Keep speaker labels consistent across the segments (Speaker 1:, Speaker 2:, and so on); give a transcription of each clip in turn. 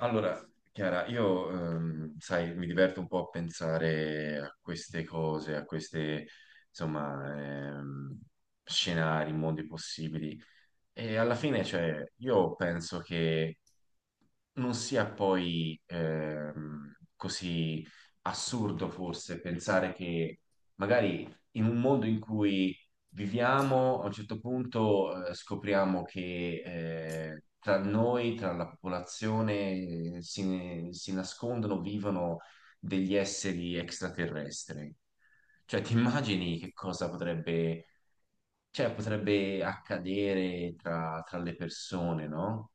Speaker 1: Allora, Chiara, io, sai, mi diverto un po' a pensare a queste cose, a queste, insomma, scenari, mondi possibili. E alla fine, cioè, io penso che non sia poi così assurdo forse pensare che magari in un mondo in cui viviamo, a un certo punto scopriamo che tra noi, tra la popolazione, si nascondono, vivono degli esseri extraterrestri. Cioè, ti immagini che cosa potrebbe, cioè, potrebbe accadere tra le persone, no?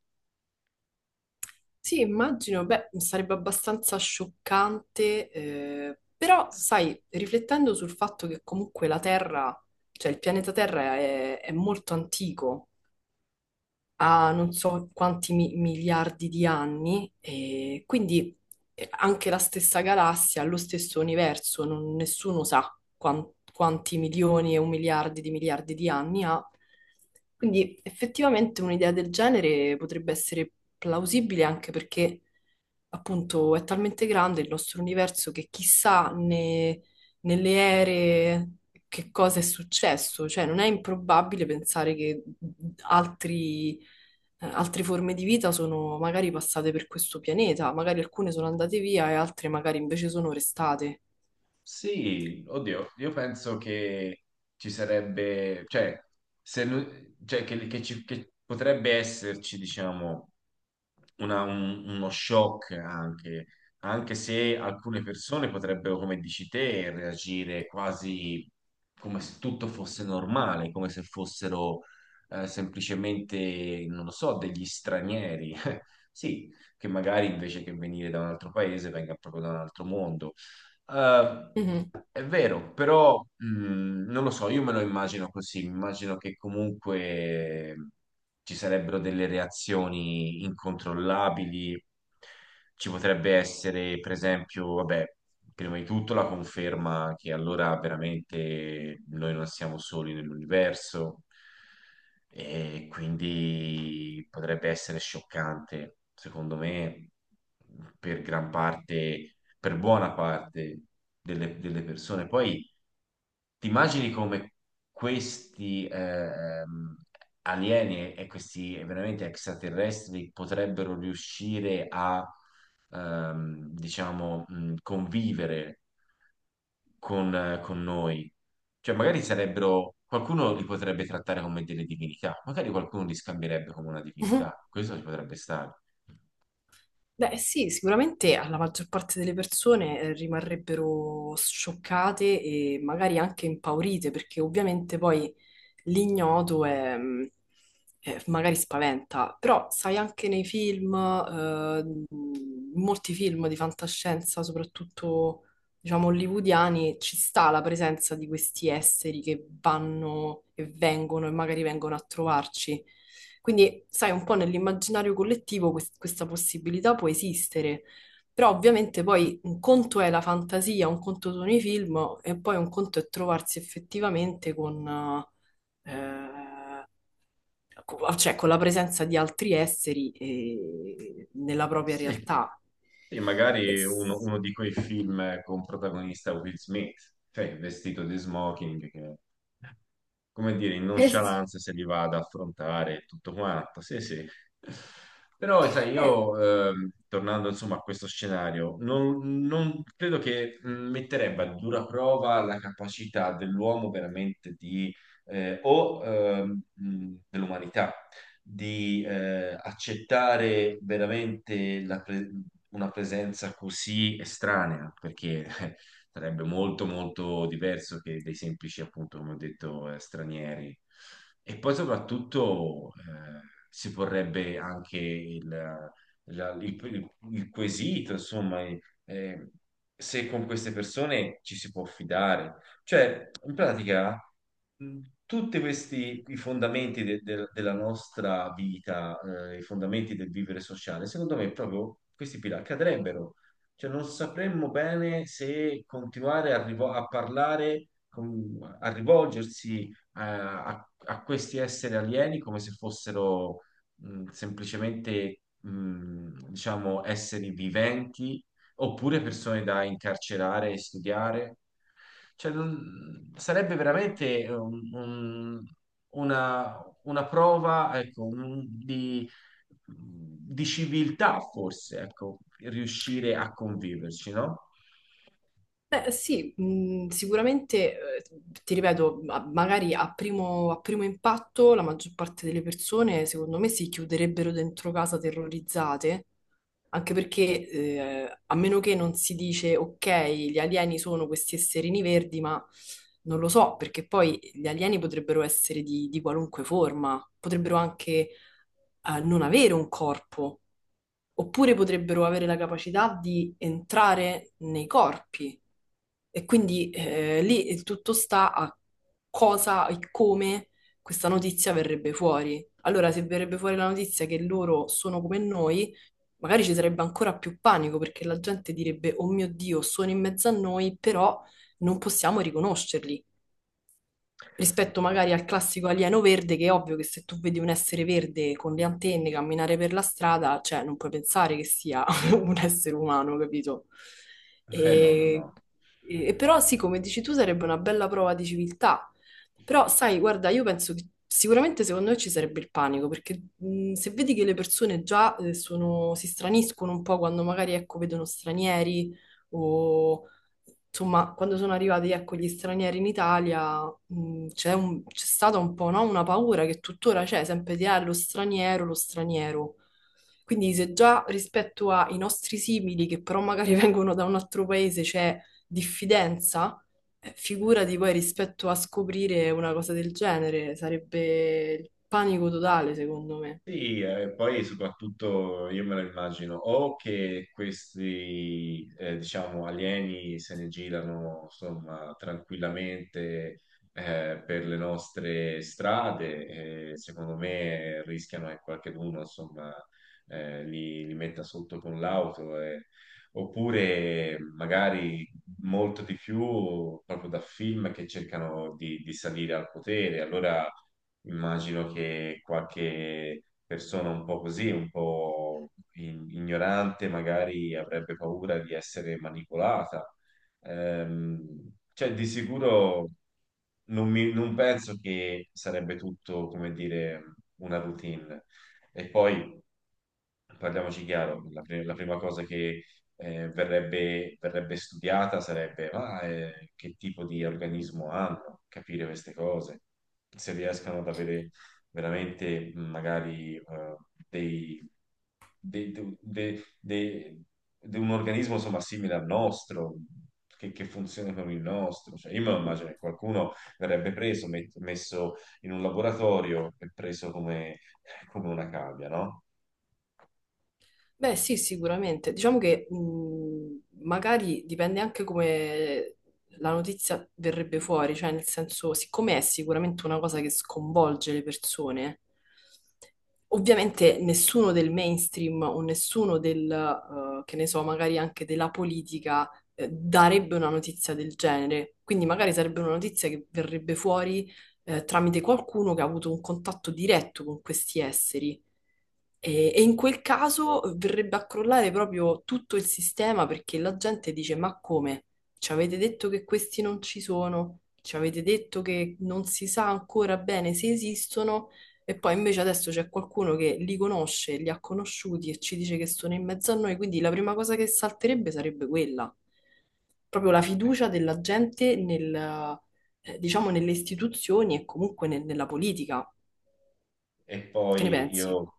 Speaker 2: Sì, immagino, beh, sarebbe abbastanza scioccante, però sai, riflettendo sul fatto che comunque la Terra, cioè il pianeta Terra è molto antico, a non so quanti miliardi di anni, e quindi anche la stessa galassia, lo stesso universo, nessuno sa quanti milioni e un miliardi di anni ha. Quindi effettivamente un'idea del genere potrebbe essere plausibile, anche perché appunto è talmente grande il nostro universo che chissà nelle ere che cosa è successo, cioè non è improbabile pensare che altri altre forme di vita sono magari passate per questo pianeta, magari alcune sono andate via e altre magari invece sono restate.
Speaker 1: Sì, oddio, io penso che ci sarebbe, cioè, se nu- cioè, che potrebbe esserci, diciamo, uno shock anche, anche se alcune persone potrebbero, come dici te, reagire quasi come se tutto fosse normale, come se fossero semplicemente, non lo so, degli stranieri. Sì, che magari invece che venire da un altro paese venga proprio da un altro mondo eh,
Speaker 2: Mhm.
Speaker 1: è vero, però non lo so, io me lo immagino così, mi immagino che comunque ci sarebbero delle reazioni incontrollabili, ci potrebbe essere, per esempio, vabbè, prima di tutto la conferma che allora veramente noi non siamo soli nell'universo e quindi potrebbe essere scioccante, secondo me, per gran parte per buona parte delle persone. Poi ti immagini come questi alieni e questi veramente extraterrestri potrebbero riuscire a, diciamo, convivere con noi. Cioè, magari sarebbero, qualcuno li potrebbe trattare come delle divinità, magari qualcuno li scambierebbe come una divinità. Questo ci potrebbe stare.
Speaker 2: Beh, sì, sicuramente alla maggior parte delle persone rimarrebbero scioccate e magari anche impaurite, perché ovviamente poi l'ignoto è magari spaventa, però sai anche nei film, in molti film di fantascienza, soprattutto diciamo hollywoodiani, ci sta la presenza di questi esseri che vanno e vengono e magari vengono a trovarci. Quindi, sai, un po' nell'immaginario collettivo questa possibilità può esistere, però ovviamente poi un conto è la fantasia, un conto sono i film e poi un conto è trovarsi effettivamente con, eh, cioè, con la presenza di altri esseri nella propria
Speaker 1: Sì.
Speaker 2: realtà.
Speaker 1: E
Speaker 2: E
Speaker 1: magari uno,
Speaker 2: s-
Speaker 1: uno di quei film con protagonista Will Smith, cioè vestito di smoking, che come dire, in
Speaker 2: e s-
Speaker 1: nonchalance se li va ad affrontare e tutto quanto. Sì, sì. Però, sai,
Speaker 2: Eh,
Speaker 1: io, tornando insomma a questo scenario, non credo che metterebbe a dura prova la capacità dell'uomo veramente di, o dell'umanità, di accettare veramente una presenza così estranea, perché sarebbe molto molto diverso che dei semplici, appunto, come ho detto, stranieri. E poi soprattutto si porrebbe anche il, la- il quesito, insomma, eh, se con queste persone ci si può fidare. Cioè, in pratica, tutti questi i fondamenti della nostra vita, i fondamenti del vivere sociale, secondo me proprio questi pilastri cadrebbero. Cioè, non sapremmo bene se continuare a parlare, a rivolgersi a questi esseri alieni come se fossero semplicemente, diciamo, esseri viventi oppure persone da incarcerare e studiare. Cioè, sarebbe veramente una, una prova, ecco, di civiltà, forse, ecco, riuscire a conviverci, no?
Speaker 2: Beh, sì, sicuramente, ti ripeto, magari a primo impatto la maggior parte delle persone, secondo me, si chiuderebbero dentro casa terrorizzate, anche perché, a meno che non si dice, ok, gli alieni sono questi esserini verdi, ma non lo so, perché poi gli alieni potrebbero essere di qualunque forma, potrebbero anche, non avere un corpo oppure potrebbero avere la capacità di entrare nei corpi. E quindi lì il tutto sta a cosa e come questa notizia verrebbe fuori. Allora, se verrebbe fuori la notizia che loro sono come noi, magari ci sarebbe ancora più panico perché la gente direbbe: Oh mio Dio, sono in mezzo a noi, però non possiamo riconoscerli rispetto magari al classico alieno verde, che è ovvio che se tu vedi un essere verde con le antenne camminare per la strada, cioè non puoi pensare che sia un essere umano, capito?
Speaker 1: No, no,
Speaker 2: E,
Speaker 1: no.
Speaker 2: Però sì, come dici tu, sarebbe una bella prova di civiltà. Però sai, guarda, io penso che sicuramente secondo me ci sarebbe il panico, perché se vedi che le persone già si straniscono un po' quando magari, ecco, vedono stranieri o insomma, quando sono arrivati, ecco, gli stranieri in Italia, c'è stata un po', no? Una paura che tuttora c'è, sempre di ah, lo straniero, lo straniero. Quindi se già rispetto ai nostri simili, che però magari vengono da un altro paese, c'è diffidenza, figurati poi rispetto a scoprire una cosa del genere, sarebbe il panico totale, secondo me.
Speaker 1: Sì, e poi soprattutto io me lo immagino o che questi, diciamo, alieni se ne girano, insomma, tranquillamente, per le nostre strade, secondo me rischiano che qualcheduno, insomma, li metta sotto con l'auto, eh. Oppure magari molto di più proprio da film che cercano di salire al potere. Allora, immagino che qualche persona un po' così, un po' ignorante, magari avrebbe paura di essere manipolata. Cioè, di sicuro non penso che sarebbe tutto, come dire, una routine. E poi, parliamoci chiaro, la prima cosa che verrebbe studiata sarebbe che tipo di organismo hanno, capire queste cose, se riescano ad avere veramente magari dei, dei, de- de- de- de un organismo insomma simile al nostro. Che funzioni come il nostro. Cioè, io me lo immagino che qualcuno verrebbe preso, messo in un laboratorio e preso come una cavia, no?
Speaker 2: Beh, sì, sicuramente. Diciamo che magari dipende anche come la notizia verrebbe fuori, cioè nel senso, siccome è sicuramente una cosa che sconvolge le persone, ovviamente nessuno del mainstream o nessuno del, che ne so, magari anche della politica, darebbe una notizia del genere. Quindi magari sarebbe una notizia che verrebbe fuori, tramite qualcuno che ha avuto un contatto diretto con questi esseri. E in quel caso verrebbe a crollare proprio tutto il sistema perché la gente dice: Ma come? Ci avete detto che questi non ci sono? Ci avete detto che non si sa ancora bene se esistono? E poi invece adesso c'è qualcuno che li conosce, li ha conosciuti e ci dice che sono in mezzo a noi. Quindi la prima cosa che salterebbe sarebbe quella, proprio la fiducia della gente nel, diciamo, nelle istituzioni e comunque nella politica.
Speaker 1: E
Speaker 2: Che ne
Speaker 1: poi
Speaker 2: pensi?
Speaker 1: io,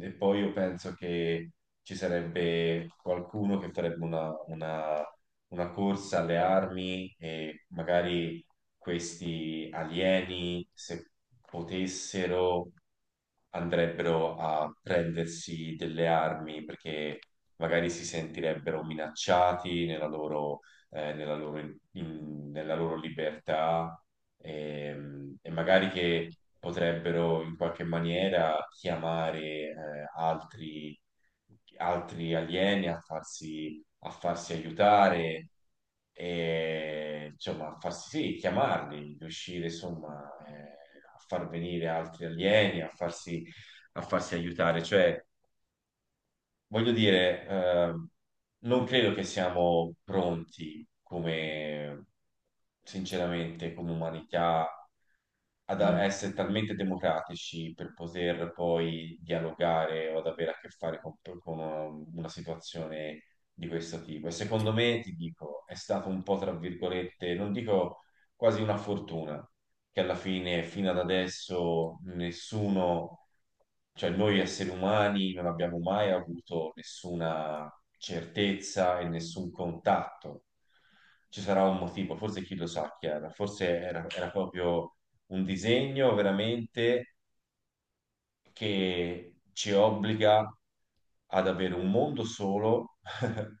Speaker 1: e poi io penso che ci sarebbe qualcuno che farebbe una corsa alle armi e magari questi alieni, se potessero, andrebbero a prendersi delle armi perché magari si sentirebbero minacciati nella loro libertà, e magari che potrebbero in qualche maniera chiamare eh, altri, altri alieni a farsi aiutare e insomma a farsi sì, chiamarli, riuscire insomma a far venire altri alieni, a farsi aiutare, cioè voglio dire, non credo che siamo pronti come, sinceramente, come umanità ad
Speaker 2: Mm.
Speaker 1: essere talmente democratici per poter poi dialogare o ad avere a che fare con una situazione di questo tipo. E secondo me, ti dico, è stato un po', tra virgolette, non dico quasi una fortuna, che alla fine, fino ad adesso, nessuno, cioè noi esseri umani non abbiamo mai avuto nessuna certezza e nessun contatto. Ci sarà un motivo, forse chi lo sa, Chiara, forse era proprio un disegno veramente che ci obbliga ad avere un mondo solo,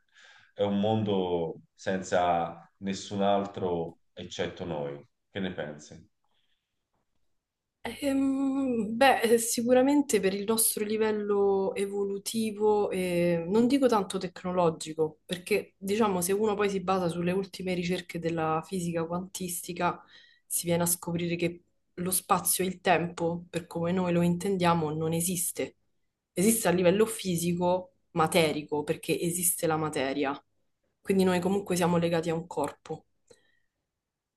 Speaker 1: è un mondo senza nessun altro eccetto noi. Che ne pensi?
Speaker 2: Beh, sicuramente per il nostro livello evolutivo, non dico tanto tecnologico, perché diciamo se uno poi si basa sulle ultime ricerche della fisica quantistica, si viene a scoprire che lo spazio e il tempo, per come noi lo intendiamo, non esiste. Esiste a livello fisico, materico, perché esiste la materia, quindi noi comunque siamo legati a un corpo.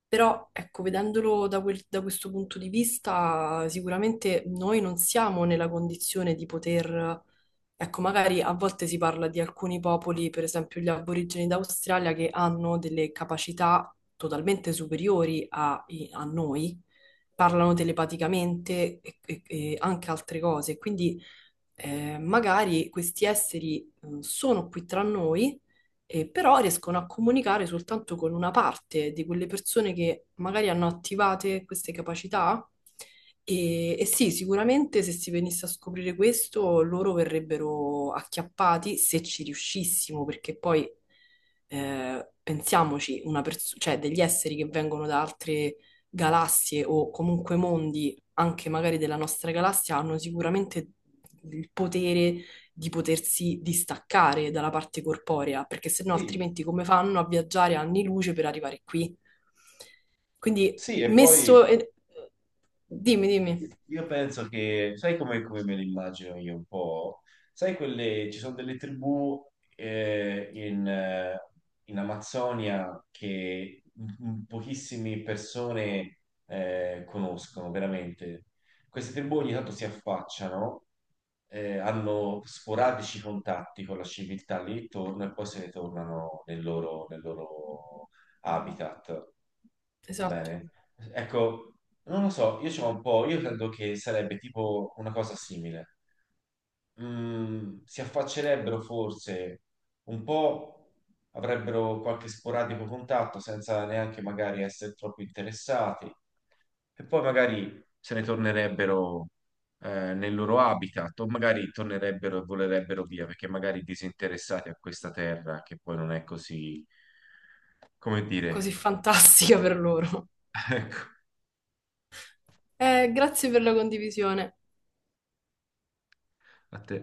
Speaker 2: Però, ecco, vedendolo da, da questo punto di vista, sicuramente noi non siamo nella condizione di poter, ecco, magari a volte si parla di alcuni popoli, per esempio gli aborigeni d'Australia, che hanno delle capacità totalmente superiori a, a noi, parlano telepaticamente e anche altre cose. Quindi, magari questi esseri sono qui tra noi però riescono a comunicare soltanto con una parte di quelle persone che magari hanno attivate queste capacità. E sì, sicuramente se si venisse a scoprire questo, loro verrebbero acchiappati se ci riuscissimo, perché poi pensiamoci, una cioè degli esseri che vengono da altre galassie o comunque mondi, anche magari della nostra galassia, hanno sicuramente il potere di potersi distaccare dalla parte corporea, perché se no
Speaker 1: Sì,
Speaker 2: altrimenti come fanno a viaggiare anni luce per arrivare qui? Quindi
Speaker 1: sì, e poi
Speaker 2: messo... Dimmi, dimmi.
Speaker 1: io penso che, sai come me le immagino io un po'? Sai quelle, ci sono delle tribù eh, in, eh, in Amazzonia che pochissime persone conoscono veramente. Queste tribù ogni tanto si affacciano, hanno sporadici contatti con la civiltà lì intorno e poi se ne tornano nel loro habitat.
Speaker 2: Esatto,
Speaker 1: Bene. Ecco, non lo so, io c'ho un po', io credo che sarebbe tipo una cosa simile. Si affaccerebbero forse un po', avrebbero qualche sporadico contatto senza neanche magari essere troppo interessati e poi magari se ne tornerebbero nel loro habitat o magari tornerebbero e volerebbero via perché magari disinteressati a questa terra che poi non è così, come
Speaker 2: così
Speaker 1: dire,
Speaker 2: fantastica per loro.
Speaker 1: ecco,
Speaker 2: Grazie per la condivisione.
Speaker 1: a te.